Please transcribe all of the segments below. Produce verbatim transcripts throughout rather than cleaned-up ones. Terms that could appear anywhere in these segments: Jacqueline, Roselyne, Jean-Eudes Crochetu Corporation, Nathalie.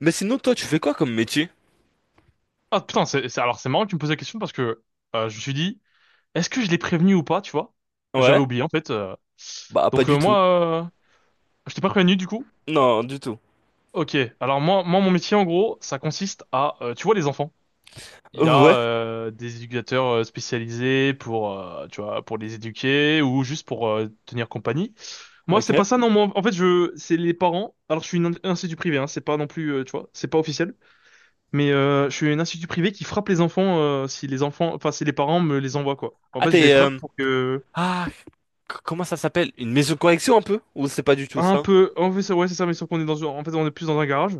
Mais sinon, toi, tu fais quoi comme métier? Ah putain, c'est, c'est- alors c'est marrant que tu me poses la question parce que euh, je me suis dit, est-ce que je l'ai prévenu ou pas, tu vois? J'avais Ouais? oublié en fait. euh. Bah, pas Donc euh, du tout. moi, euh, je t'ai pas prévenu du coup. Non, du tout. Ok, alors moi, moi mon métier en gros, ça consiste à, euh, tu vois les enfants, il y a Ouais, euh, des éducateurs euh, spécialisés pour, euh, tu vois, pour les éduquer ou juste pour euh, tenir compagnie. Moi c'est pas ok. ça, non, moi en fait je, c'est les parents. Alors je suis une in- institut privé, hein, c'est pas non plus, euh, tu vois, c'est pas officiel. Mais euh, je suis un institut privé qui frappe les enfants euh, si les enfants, enfin si les parents me les envoient quoi. En Ah, fait, je les t'es... frappe euh, pour que. Ah, c- comment ça s'appelle? Une maison de correction un peu? Ou c'est pas du tout Un ça? peu. En fait, c'est- ouais, c'est ça. Mais sauf qu'on est dans, en fait, on est plus dans un garage,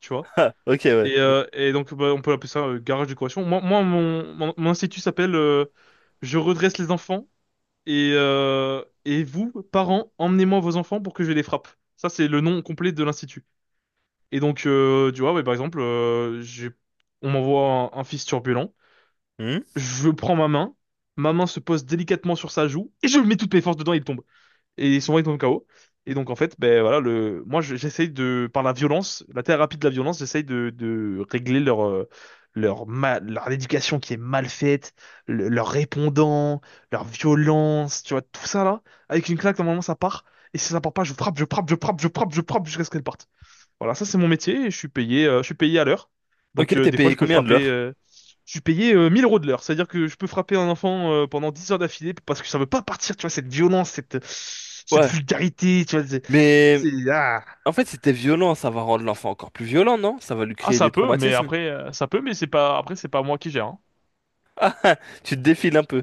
tu vois. Ah, ok, ouais. Et, euh, et donc, bah, on peut appeler ça euh, garage de correction. Moi, moi, mon, mon, mon institut s'appelle euh, Je redresse les enfants et euh, et vous, parents, emmenez-moi vos enfants pour que je les frappe. Ça, c'est le nom complet de l'institut. Et donc, euh, tu vois, ouais, par exemple, euh, j'ai, on m'envoie un, un fils turbulent. Hmm. Je prends ma main, ma main se pose délicatement sur sa joue, et je mets toutes mes forces dedans, et il tombe. Et son bras, il tombe K O. Et donc, en fait, ben voilà, le, moi, je- j'essaye de, par la violence, la thérapie de la violence, j'essaye de, de régler leur, euh, leur ma- leur éducation qui est mal faite, le- leur répondant, leur violence, tu vois, tout ça là. Avec une claque, normalement, ça part. Et si ça part pas, je frappe, je frappe, je frappe, je frappe, je frappe jusqu'à ce qu'elle parte. Voilà, ça c'est mon métier et je suis payé, euh, je suis payé à l'heure. Ok, Donc euh, t'es des fois payé je peux combien de frapper, l'heure? euh, je suis payé euh, mille euros de l'heure. C'est-à-dire que je peux frapper un enfant euh, pendant dix heures d'affilée parce que ça veut pas partir, tu vois, cette violence, cette, cette Ouais. vulgarité, tu vois. C'est, Mais c'est- Ah. en fait, c'était violent, ça va rendre l'enfant encore plus violent, non? Ça va lui Ah, créer ça des peut, mais traumatismes. après euh, ça peut, mais c'est pas, après c'est pas moi qui gère, hein. Tu te défiles un peu.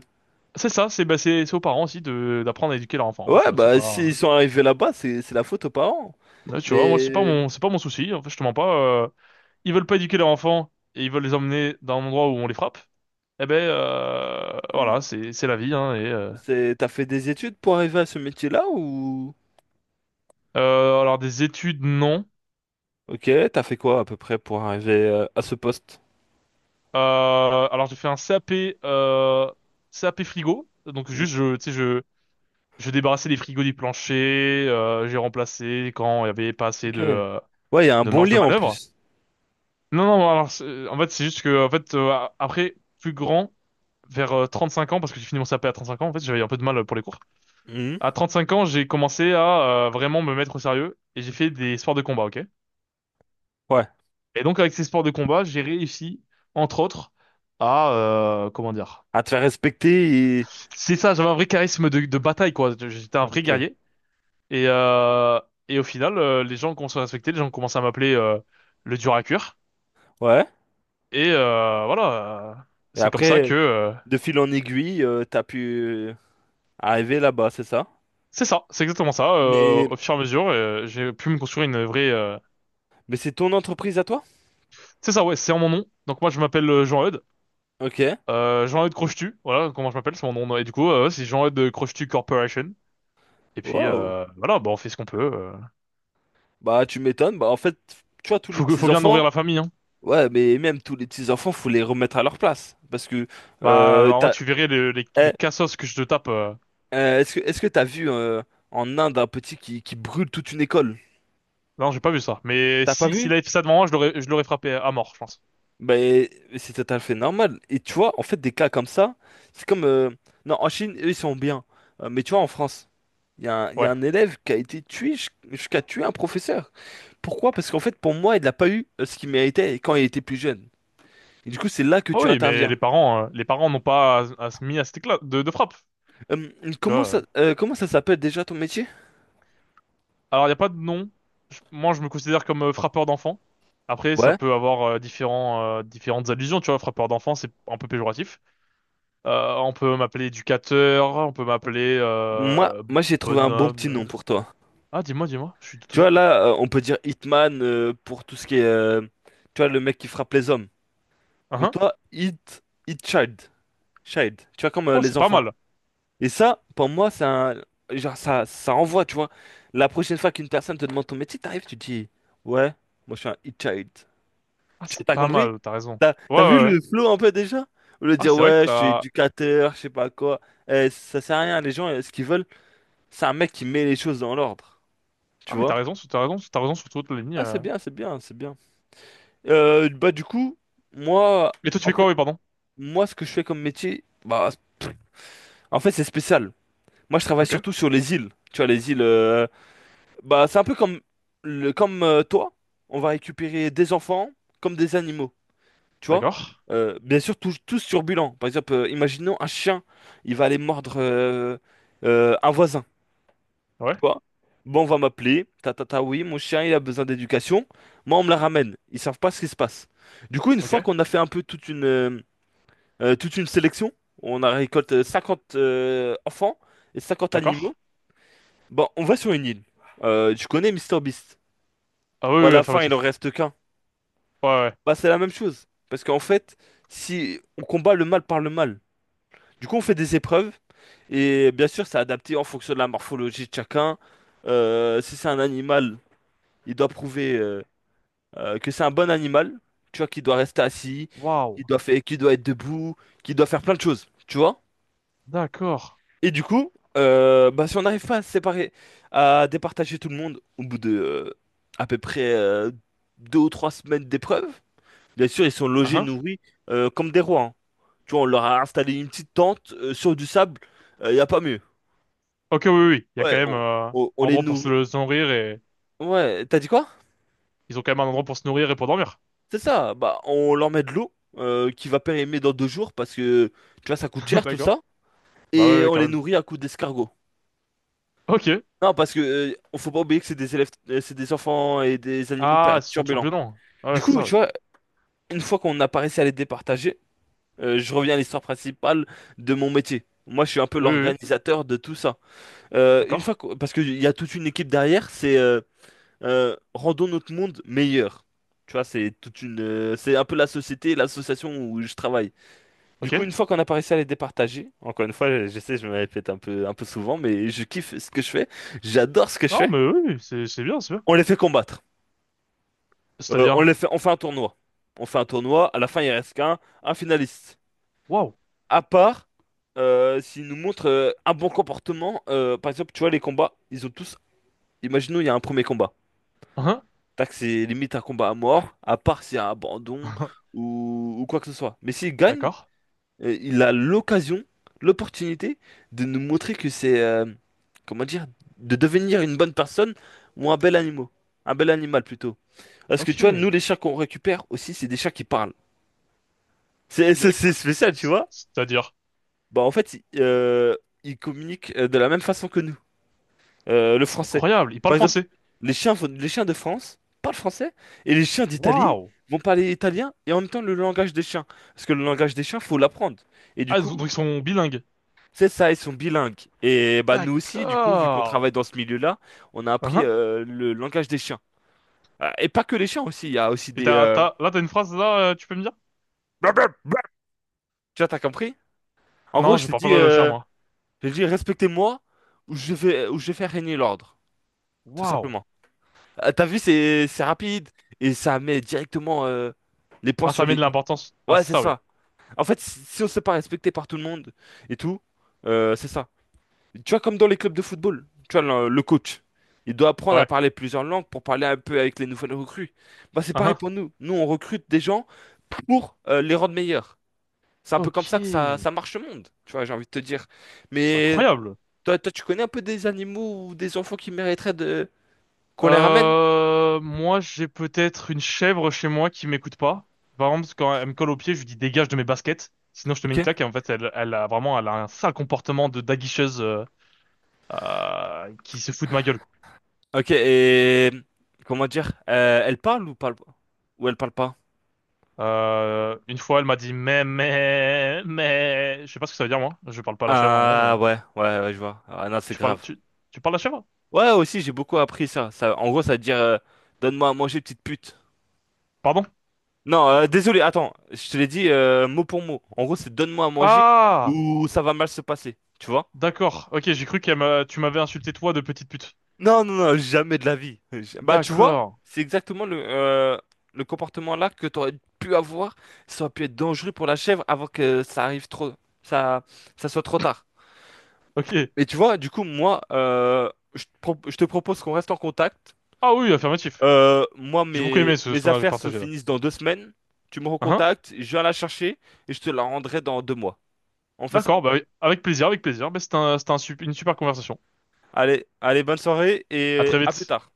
C'est ça, c'est bah, c'est c'est aux parents aussi de d'apprendre à éduquer leur enfant, hein, tu Ouais, vois, c'est bah, pas. s'ils sont arrivés là-bas, c'est c'est la faute aux parents. Ouais, tu Mais vois, moi c'est pas euh, mon c'est pas mon souci. En fait, je te mens pas. euh, Ils veulent pas éduquer leur enfant et ils veulent les emmener dans un endroit où on les frappe. Eh ben euh, voilà, c'est c'est la vie, hein. et euh, c'est t'as fait des études pour arriver à ce métier-là ou... euh, Alors des études non. Ok, t'as fait quoi à peu près pour arriver euh, à ce poste? Euh, alors j'ai fait un C A P euh, C A P frigo. Donc Mhm. juste je tu sais je je débarrassais les frigos du plancher, euh, j'ai remplacé quand il y avait pas assez Ok. de euh, Ouais, il y a un de bon marge de lien en manœuvre. plus. Non non, alors c'est- en fait c'est juste que en fait euh, après plus grand vers euh, trente-cinq ans parce que j'ai fini mon C A P à trente-cinq ans en fait, j'avais un peu de mal euh, pour les cours. Mhm. À trente-cinq ans, j'ai commencé à euh, vraiment me mettre au sérieux et j'ai fait des sports de combat, OK? Ouais. Et donc avec ces sports de combat, j'ai réussi, entre autres, à euh, comment dire. À te faire respecter et... C'est ça, j'avais un vrai charisme de, de bataille, quoi. J'étais un vrai Ok. guerrier. Et, euh, et au final, euh, les gens commencent à respecter, les gens commencent à m'appeler euh, le dur à cuire. Ouais. Et euh, voilà, euh, Et c'est comme ça après, que euh, de fil en aiguille, euh, t'as pu euh, arriver là-bas, c'est ça? c'est ça, c'est exactement ça. euh, Mais... Au fur et à mesure, euh, j'ai pu me construire une vraie. euh, Mais c'est ton entreprise à toi? C'est ça, ouais, c'est en mon nom. Donc moi, je m'appelle euh, Jean-Eudes. Ok. Euh, Jean-Eudes Crochetu, voilà comment je m'appelle, c'est mon nom. Et du coup, euh, ouais, c'est Jean-Eudes Crochetu Corporation. Et puis Wow. euh, voilà, bah on fait ce qu'on peut. euh. Bah, tu m'étonnes. Bah, en fait, tu vois, tous les Faut que, faut bien nourrir petits-enfants... la famille, hein. Ouais, mais même tous les petits-enfants, faut les remettre à leur place. Parce que... Bah Euh, en vrai t'as... tu verrais les, les, les eh, cassos que je te tape. euh. Euh, est-ce que est-ce que t'as vu euh, en Inde un petit qui, qui brûle toute une école? Non, j'ai pas vu ça. Mais T'as pas si vu? s'il avait fait ça devant moi, je l'aurais je l'aurais frappé à mort, je pense. Ben c'est tout à fait normal. Et tu vois, en fait, des cas comme ça, c'est comme euh, non en Chine eux ils sont bien. Euh, mais tu vois en France, il y a un, il y a Ouais. un élève qui a été tué jus- jusqu'à tuer un professeur. Pourquoi? Parce qu'en fait pour moi il n'a pas eu euh, ce qu'il méritait quand il était plus jeune. Et du coup c'est là que Oh tu oui, mais interviens. les parents euh, les parents n'ont pas à, à se mis à cet éclat de, de frappe, Euh, tu comment vois. euh. ça euh, comment ça s'appelle déjà ton métier? Alors il y a pas de nom. Je- moi je me considère comme euh, frappeur d'enfant. Après ça Ouais. peut avoir euh, différents euh, différentes allusions, tu vois. Frappeur d'enfant c'est un peu péjoratif. Euh, on peut m'appeler éducateur, on peut m'appeler Moi euh, moi j'ai trouvé un bon petit nom bonhomme. pour toi. Ah, dis-moi, dis-moi, je suis tout Tu oui. vois, là, euh, on peut dire Hitman euh, pour tout ce qui est. Euh, tu vois, le mec qui frappe les hommes. Ah, Mais hein. toi, Hit. Hit Child. Child. Tu vois, comme euh, Oh, les c'est pas enfants. mal. Et ça, pour moi, c'est un. Genre, ça, ça envoie, tu vois. La prochaine fois qu'une personne te demande ton métier, t'arrives, tu dis. Ouais, moi, je suis un Hit Child. Ah, Tu vois, c'est t'as pas compris? mal, t'as raison. T'as, Ouais, T'as vu ouais, ouais. le flow un peu déjà? Au lieu de Ah, dire, c'est vrai ouais, que je suis t'as. éducateur, je sais pas quoi. Eh, ça sert à rien, les gens, euh, ce qu'ils veulent, c'est un mec qui met les choses dans l'ordre. Tu Ah, mais vois? t'as raison, sur- t'as raison, sur- t'as raison sur toute la ligne. Ah, c'est euh. bien, c'est bien, c'est bien. Euh, bah du coup, moi, Mais toi, tu en fais fait, quoi? Oui, pardon. moi ce que je fais comme métier, bah pff, en fait c'est spécial. Moi je travaille Ok, surtout sur les îles. Tu vois les îles, euh, bah c'est un peu comme le, comme euh, toi. On va récupérer des enfants comme des animaux. Tu vois? d'accord. Euh, bien sûr tous, tous turbulents. Par exemple, euh, imaginons un chien, il va aller mordre euh, euh, un voisin. Ouais, Tu vois? Bon, on va m'appeler. Tata, Ta ta ta, oui, mon chien il a besoin d'éducation. Moi on me la ramène. Ils savent pas ce qui se passe. Du coup, une ok, fois qu'on a fait un peu toute une euh, euh, toute une sélection. On a récolté cinquante euh, enfants et cinquante animaux. d'accord. Bon, on va sur une île. Euh, tu connais Mister Beast? Ah oui, Ou oui, à oui, la fin, il en affirmatif. reste qu'un. Ouais, ouais. Bah, c'est la même chose. Parce qu'en fait, si on combat le mal par le mal, du coup, on fait des épreuves. Et bien sûr, c'est adapté en fonction de la morphologie de chacun. Euh, si c'est un animal, il doit prouver euh, euh, que c'est un bon animal. Tu vois, qu'il doit rester assis, Waouh, qu'il doit faire, qu'il doit être debout, qu'il doit faire plein de choses. Tu vois? d'accord. Et du coup, euh, bah, si on n'arrive pas à se séparer, à départager tout le monde au bout de euh, à peu près euh, deux ou trois semaines d'épreuve, bien sûr, ils sont Ah, logés, hein. nourris euh, comme des rois. Hein. Tu vois, on leur a installé une petite tente euh, sur du sable, il n'y a pas mieux. Ok, oui, oui, oui. Il y a quand Ouais, même on, euh, un on- on les endroit pour nourrit. se se nourrir et. Ouais, t'as dit quoi? Ils ont quand même un endroit pour se nourrir et pour dormir. C'est ça, bah, on leur met de l'eau euh, qui va périmer dans deux jours parce que, tu vois, ça coûte cher tout D'accord. ça. Bah ouais, Et ouais, on quand les même. nourrit à coups d'escargot. Ok. Non, parce que euh, on faut pas oublier que c'est des élèves, euh, c'est des enfants et des animaux Ah, per- ils sont turbulents. turbulents. Ouais, ouais, Du c'est coup, ça, tu oui. vois, une fois qu'on a réussi à les départager, euh, je reviens à l'histoire principale de mon métier. Moi, je suis un peu Oui, oui, oui. l'organisateur de tout ça. Euh, une fois D'accord. qu'on- parce qu'il y a toute une équipe derrière, c'est euh, euh, rendons notre monde meilleur. Tu vois, c'est toute une, euh, c'est un peu la société, et l'association où je travaille. Du Ok. coup, une fois qu'on a réussi à les départager, encore une fois, je sais, je me répète un peu, un peu souvent, mais je kiffe ce que je fais, j'adore ce que je Non, fais. mais oui, oui, c'est c'est bien, c'est bien. On les fait combattre. Euh, on les C'est-à-dire. fait, on fait un tournoi. On fait un tournoi, à la fin il reste qu'un un finaliste. Wow. À part euh, s'il nous montre euh, un bon comportement, euh, par exemple, tu vois, les combats, ils ont tous. Imaginons, il y a un premier combat. Hein? Tac, c'est limite un combat à mort, à part s'il y a un abandon ou, ou quoi que ce soit. Mais s'il gagne, D'accord. euh, il a l'occasion, l'opportunité de nous montrer que c'est. Euh, comment dire? De devenir une bonne personne ou un bel animal. Un bel animal plutôt. Parce que tu vois, nous, Ok. les chats qu'on récupère aussi, c'est des chats qui parlent. C'est Bah, c'est- c'est spécial, tu c- vois? C'est-à-dire, Bah, en fait, ils euh, ils communiquent euh, de la même façon que nous, euh, le c'est français. incroyable. Ils parlent Par exemple, français. les chiens, font- les chiens de France parlent français et les chiens d'Italie Waouh. vont parler italien et en même temps le langage des chiens. Parce que le langage des chiens, faut l'apprendre. Et du Ah, donc coup, ils sont bilingues. c'est ça, ils sont bilingues. Et bah, nous aussi, du coup, vu qu'on D'accord. travaille dans ce milieu-là, on a appris Hein? euh, le langage des chiens. Euh, Et pas que les chiens aussi, il y a aussi Et des. t'as, euh, t'as, là, t'as une phrase, là, euh, tu peux me dire? blablabla. Tu vois, t'as compris? En gros, Non, je je t'ai parle pas dit. le chien, euh, moi. J'ai dit respectez-moi ou je vais ou je vais faire régner l'ordre, tout Waouh. simplement. Ah, t'as vu, c'est c'est rapide et ça met directement euh, les points Ah, sur ça met de les i. l'importance. Ah, Ouais, c'est c'est ça, oui. ça. En fait, si si on se fait pas respecter par tout le monde et tout, euh, c'est ça. Tu vois, comme dans les clubs de football, tu vois, le, le coach, il doit apprendre à Ouais. parler plusieurs langues pour parler un peu avec les nouvelles recrues. Bah, c'est pareil Hein? pour nous. Nous, on recrute des gens pour euh, les rendre meilleurs. C'est un peu Ok. comme ça que ça, C'est ça marche le monde, tu vois, j'ai envie de te dire. Mais incroyable. toi, toi, tu connais un peu des animaux ou des enfants qui mériteraient de qu'on les ramène? Euh, moi, j'ai peut-être une chèvre chez moi qui m'écoute pas. Par exemple, quand elle me colle au pied, je lui dis dégage de mes baskets, sinon je te mets une Ok. claque. Et en fait, elle, elle a vraiment, elle a un sale comportement de daguicheuse euh, euh, qui se fout de ma gueule, quoi. Ok, et comment dire? Euh, elle parle ou parle pas? Ou elle parle pas? Euh, une fois, elle m'a dit mais mais mais, je sais pas ce que ça veut dire moi. Je parle pas la chèvre en gros, mais Ah ouais, ouais, ouais, je vois. Ah non, c'est tu parles grave. tu tu parles la chèvre? Ouais, aussi, j'ai beaucoup appris ça. Ça, en gros, ça veut dire euh, donne-moi à manger, petite pute. Pardon? Non, euh, désolé, attends, je te l'ai dit euh, mot pour mot. En gros, c'est donne-moi à manger Ah, ou ça va mal se passer, tu vois? d'accord. Ok, j'ai cru qu'elle m'a, tu m'avais insulté toi de petite pute. Non, non, non, jamais de la vie. Ja- Bah, tu vois, D'accord. c'est exactement le, euh, le comportement là que t'aurais pu avoir. Ça aurait pu être dangereux pour la chèvre avant que ça arrive trop, ça, ça soit trop tard. Ok. Et tu vois, du coup, moi, euh, je te pro- je te propose qu'on reste en contact. Ah oui, affirmatif. Euh, moi, J'ai beaucoup mes, aimé ce, ce mes qu'on a affaires se partagé là. finissent dans deux semaines. Tu me Hein? recontactes, je viens la chercher et je te la rendrai dans deux mois. On fait ça? D'accord, bah oui, avec plaisir, avec plaisir. Bah, c'était un, c'était un sup- une super conversation. Allez, allez, bonne soirée À et très à plus vite. tard.